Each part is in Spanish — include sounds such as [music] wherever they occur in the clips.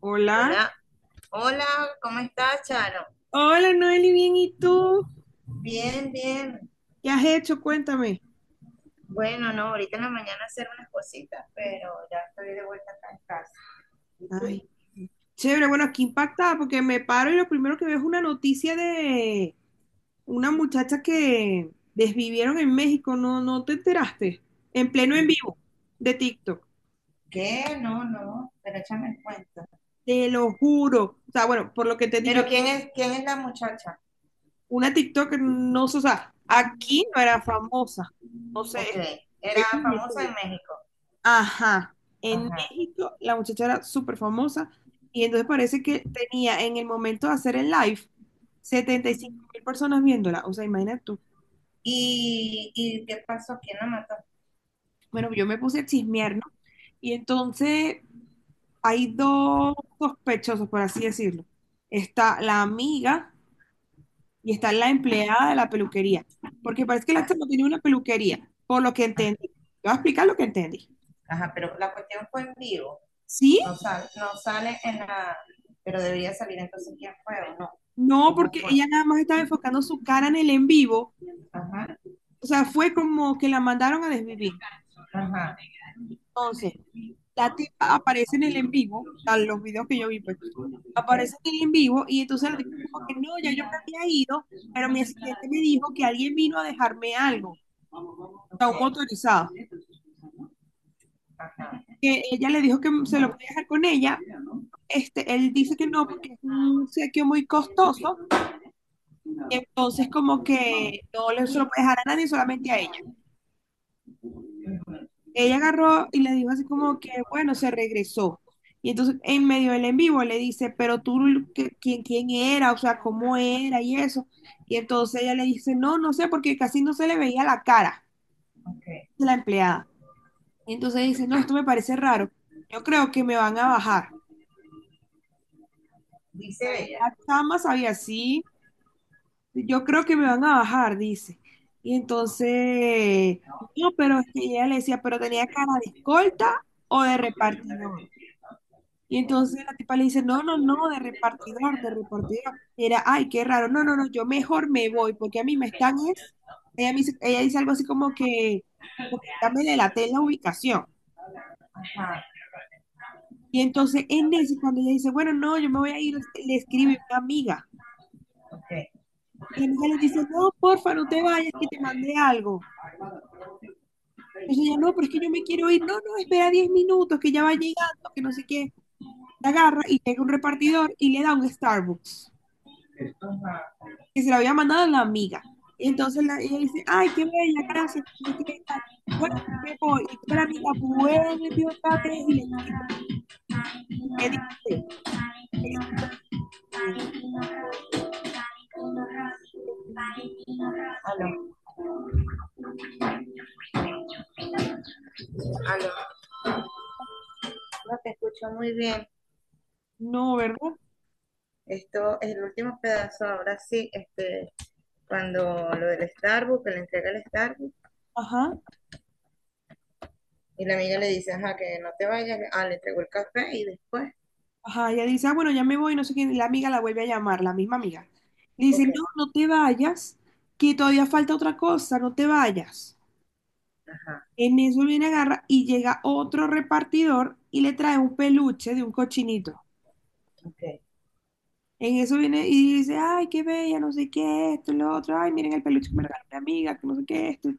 Hola. Hola, hola, ¿cómo estás, Charo? Hola, Noeli, bien, ¿y tú? Bien, bien. ¿Qué has hecho? Cuéntame. Bueno, no, ahorita en la mañana hacer unas cositas, pero ya estoy de vuelta acá en casa. ¿Y Ay, tú? chévere, bueno, aquí impactada porque me paro y lo primero que veo es una noticia de una muchacha que desvivieron en México, ¿no, no te enteraste? En pleno en vivo de TikTok, ¿Qué? No, no, pero échame el cuento. te lo juro. O sea, bueno, por lo que te yo, Pero quién es la muchacha? una TikTok no, sé, o sea, aquí no era famosa. No sé. Ok, era famosa en México. Ajá, en Ajá. México la muchacha era súper famosa y entonces parece que tenía en el momento de hacer el live 75.000 personas viéndola, o sea, imagínate tú. ¿Y qué pasó? ¿Quién la mató? Bueno, yo me puse a chismear, ¿no? Y entonces hay dos sospechosos, por así decirlo. Está la amiga y está la empleada de la peluquería, porque parece que la Ah, chama tenía una peluquería, por lo que ah, entendí. Te voy a explicar lo que entendí. ajá, pero la cuestión fue en vivo. ¿Sí? No sale, no sale en la. Pero debería salir entonces quién fue o no. No, ¿Cómo porque fue? ella nada más estaba enfocando su cara en el en vivo. Ajá, O sea, fue como que la mandaron a desvivir. ajá. Entonces, la tipa aparece en el en vivo, a los videos que yo vi, pues, Okay. aparece en el en vivo y entonces la tipa como que no, ya yo me había ido, pero mi asistente me dijo que alguien vino a dejarme algo, o Vamos. Vamos. sea, un Okay, motorizado. ajá. Que ella le dijo que se lo podía dejar con ella. Este, él dice que no porque es un obsequio muy costoso, entonces como que no le- se lo puede dejar a nadie, solamente a ella. Ella agarró y le dijo así como que, bueno, se regresó. Y entonces en medio del en vivo le dice, pero tú, ¿Quién era? O sea, ¿cómo era? Y eso. Y entonces ella le dice, no, no sé, porque casi no se le veía la cara Okay. de la empleada. Y entonces dice, no, esto me parece raro. Yo creo que me van a bajar. Dice ella. La chama sabía así, yo creo que me van a bajar, dice. Y entonces, no, pero es que ella le decía, pero tenía cara de escolta o de repartidor. Y entonces la tipa le dice, no, no, no, de repartidor, de repartidor. Era, ay, qué raro, no, no, no, yo mejor me voy, porque a mí me están es, ella, me dice, ella dice algo así como que ya me delaté la ubicación. Ajá, Y entonces en eso, cuando ella dice, bueno, no, yo me voy a ir, le escribe una amiga. okay. Y la amiga le dice, no, porfa, no te vayas, que te mandé algo. Entonces ella, no, pero es que yo me quiero ir, no, no, espera 10 minutos, que ya va llegando, que no sé qué. La agarra y llega un repartidor y le da un Starbucks. Ajá. Que se lo había mandado la amiga. Y entonces ella dice, ay, qué bella, gracias, no sé qué tal. Bueno, me voy. Y toda la amiga vuelve otra vez y le dice, eh, Aló, aló. No te escucho muy bien. no, ¿verdad? Esto es el último pedazo, ahora sí, cuando lo del Starbucks, que le entrega el Starbucks, Ajá, y la amiga le dice, ajá, que no te vayas, ah, le entregó el café y después. ajá. Ella dice, ah, bueno, ya me voy, no sé qué. La amiga la vuelve a llamar, la misma amiga. Le dice, Ok, no, no te vayas, que todavía falta otra cosa, no te vayas. ajá. En eso viene agarra y llega otro repartidor y le trae un peluche de un cochinito. Ok, En eso viene y dice, ay, qué bella, no sé qué, esto y lo otro, ay, miren el peluche que me regaló mi amiga, que no sé qué, esto.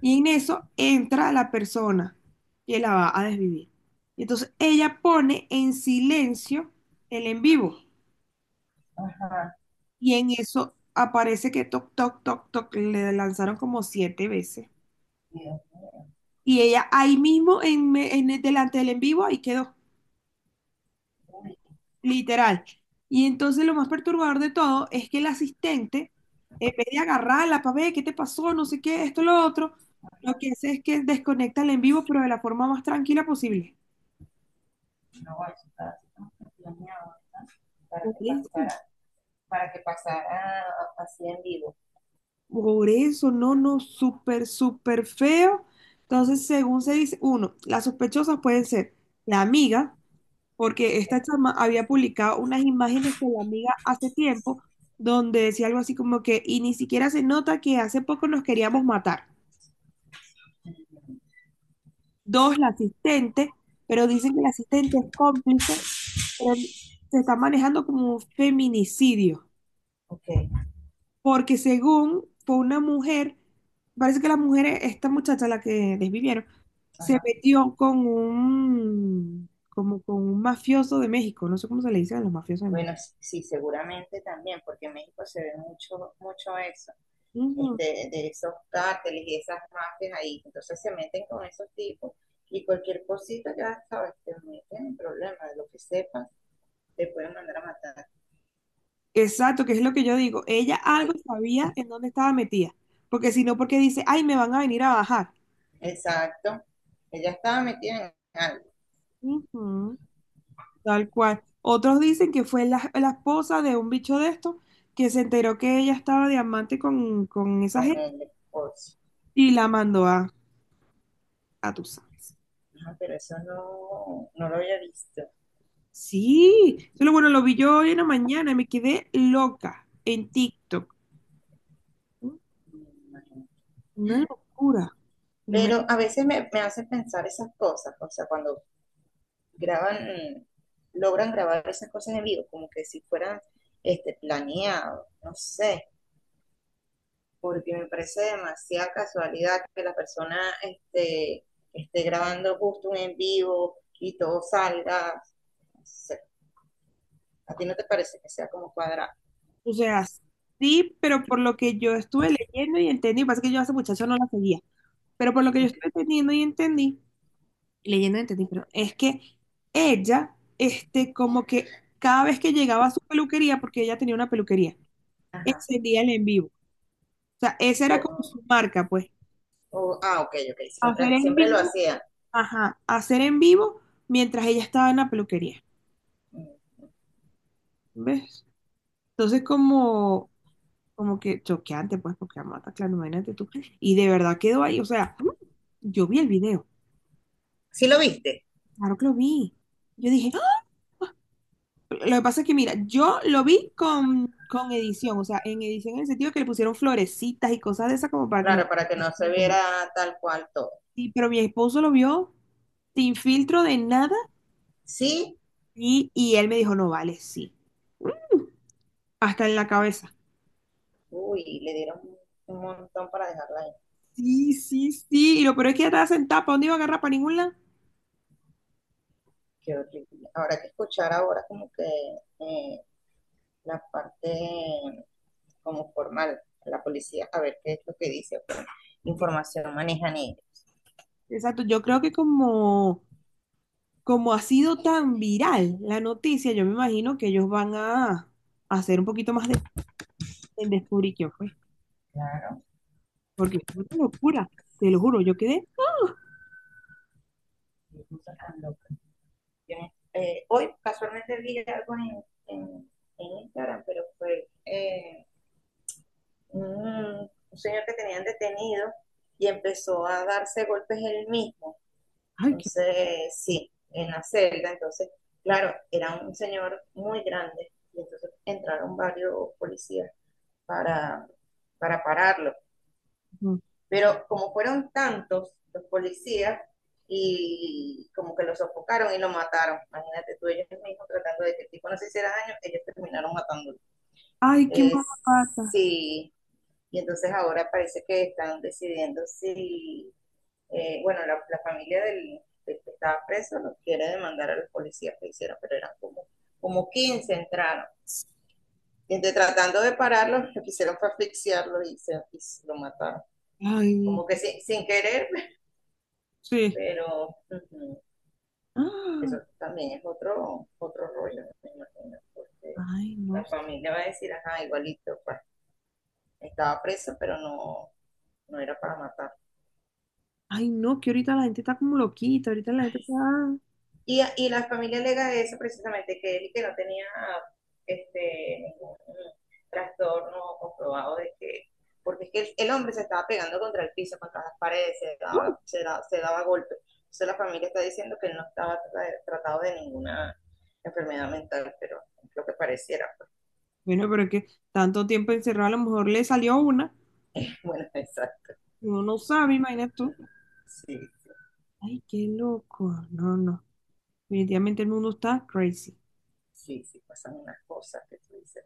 Y en eso entra la persona que la va a desvivir. Y entonces ella pone en silencio el en vivo. ajá. Y en eso aparece que toc, toc, toc, toc, le lanzaron como siete veces. Dios. Y ella ahí mismo, delante del en vivo, ahí quedó. Literal. Y entonces lo más perturbador de todo es que el asistente, en vez de agarrarla para ver qué te pasó, no sé qué, esto, lo otro, lo que hace es que desconecta el en vivo, pero de la forma más tranquila posible. Una guachita, así, ¿verdad? Para Por que eso, pasara, para que pasara así en vivo. por eso, no, no, súper, súper feo. Entonces, según se dice, uno, las sospechosas pueden ser la amiga, porque esta chama había publicado unas imágenes con la amiga hace tiempo, donde decía algo así como que, y ni siquiera se nota que hace poco nos queríamos matar. Dos, la asistente, pero dicen que la asistente es cómplice, pero se está manejando como un feminicidio, Ok, porque según fue una mujer, parece que la mujer, esta muchacha, la que desvivieron, se ajá. metió como con un mafioso de México, no sé cómo se le dice a los mafiosos de México. Bueno, sí, sí, seguramente también, porque en México se ve mucho, mucho eso, Ujú. De esos cárteles y esas mafias ahí. Entonces se meten con esos tipos y cualquier cosita, ya sabes, te meten en problemas, de lo que sepas, te pueden mandar a matar. Exacto, que es lo que yo digo. Ella algo Ay, sabía en dónde estaba metida, porque si no, porque dice, ay, me van a venir a bajar. exacto. Ella estaba metida en algo Ujú. Tal cual. Otros dicen que fue la esposa de un bicho de estos que se enteró que ella estaba de amante con esa con gente el esposo. y la mandó a tú sabes. Ajá, pero eso no, no lo había visto. Sí, solo bueno, lo vi yo hoy en la mañana y me quedé loca en TikTok. Me imagino. Una locura. Primero, Pero a veces me hace pensar esas cosas, o sea, cuando graban, logran grabar esas cosas en vivo, como que si fueran planeado, no sé, porque me parece demasiada casualidad que la persona esté grabando justo un en vivo y todo salga, no sé. ¿A ti no te parece que sea como cuadrado? o sea, sí, pero por lo que yo estuve leyendo y entendí, pasa que yo a esa muchacha no la seguía, pero por lo que yo estuve entendiendo y entendí. Leyendo entendí, pero es que ella, este, como que cada vez que llegaba a su peluquería, porque ella tenía una peluquería, Ajá. encendía el en vivo. O sea, esa era como O- su marca, pues, ah, ok, ok, siempre, hacer en siempre lo vivo, hacía. ajá, hacer en vivo mientras ella estaba en la peluquería, Mm. ¿ves? Entonces, como que choqueante, pues, porque amata, claro, imagínate tú. Y de verdad quedó ahí, o sea, yo vi el video, ¿Sí lo viste? claro que lo vi. Yo dije, lo que pasa es que, mira, yo lo vi con edición, o sea, en edición en el sentido que le pusieron florecitas y cosas de esas como para que no... Claro, para que no se viera tal cual todo. Sí, pero mi esposo lo vio sin filtro de nada Sí, y él me dijo, no vale, sí. Mm, hasta en la cabeza. uy, le dieron un montón para dejarla ahí. Sí, sí, sí. Y lo peor es que ya estaba sentada, ¿para dónde iba a agarrar? ¿Para ningún lado? Qué horrible. Habrá que escuchar ahora como que eh, la parte como formal, la policía, a ver qué es lo que dice. Información manejan ellos. Exacto, yo creo que como ha sido tan viral la noticia, yo me imagino que ellos van a hacer un poquito más en descubrir quién fue. Claro, Porque fue una locura, te lo juro, yo quedé, qué cosa tan loca. Yo, hoy casualmente vi algo en, en Instagram, pero fue un señor que tenían detenido y empezó a darse golpes él mismo. ay, qué, Entonces, sí, en la celda, entonces, claro, era un señor muy grande y entonces entraron varios policías para, para pararlo. Pero como fueron tantos los policías y como que lo sofocaron y lo mataron, imagínate tú, ellos mismos tratando de que el tipo no se hiciera daño, ellos terminaron matándolo. ay, qué Eh, mala pata, sí, y entonces ahora parece que están decidiendo si bueno, la familia del que estaba preso lo quiere demandar a los policías que hicieron, pero eran como, como 15 entraron. Y entonces, tratando de pararlo, lo que hicieron fue asfixiarlo y lo mataron. ay, Como que sin, querer, sí, pero ujú, eso ah, también es otro rollo, me imagino, porque ay, no, la sé, familia va a decir, ajá, igualito, pues, estaba preso, pero no, no era para matar. ay, no, que ahorita la gente está como loquita, ahorita la gente está, mm. Y la familia alega eso precisamente, que él y que no tenía ningún trastorno comprobado de que, porque es que el hombre se estaba pegando contra el piso, contra las paredes, se daba golpes. Entonces la familia está diciendo que él no estaba tratado de ninguna enfermedad mental, pero lo que pareciera, pues, Bueno, pero es que tanto tiempo encerrado, a lo mejor le salió una, [laughs] bueno, exacto. uno no sabe, imagínate tú, Sí, sí, ay, qué loco, no, no, definitivamente el mundo está crazy, sí, sí, pasan unas cosas que tú dices.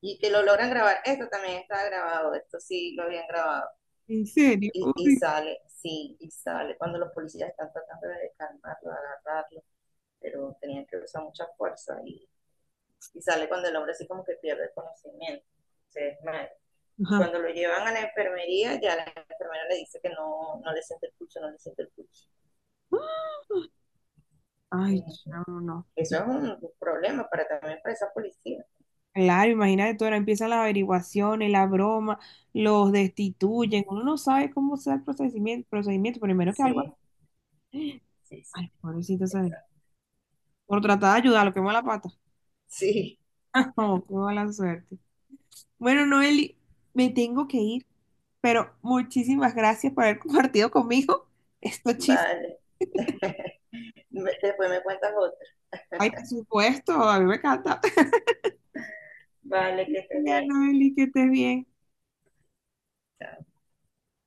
Y que lo logran grabar. Esto también está grabado, esto sí lo habían grabado. en serio, Y uy, sale, sí, y sale. Cuando los policías están tratando de calmarlo, agarrarlo, pero tenían que usar mucha fuerza y sale cuando el hombre así como que pierde el conocimiento, se desmaya. Y ajá, cuando lo llevan a la enfermería, ya la enfermera le dice que no, no le siente el pulso, no le siente el pulso. ¡ah! Ay, Ujú. chamo, no. Eso es un problema para también para esa policía. Claro, imagínate tú, ahora empiezan las averiguaciones, la broma, los destituyen, uno no sabe cómo sea el procedimiento, procedimiento, primero que algo, Sí, sí, sí. ay, pobrecito sabe, Exacto. por tratar de ayudar, lo quemó la pata, Sí. [laughs] oh, qué mala suerte. Bueno, Noeli, me tengo que ir, pero muchísimas gracias por haber compartido conmigo estos chistes, Vale. [laughs] Después me cuentas otra. ay, por supuesto, a mí me encanta. [laughs] Vale, que estés Ya, bien. Noeli, que estés bien. Chao.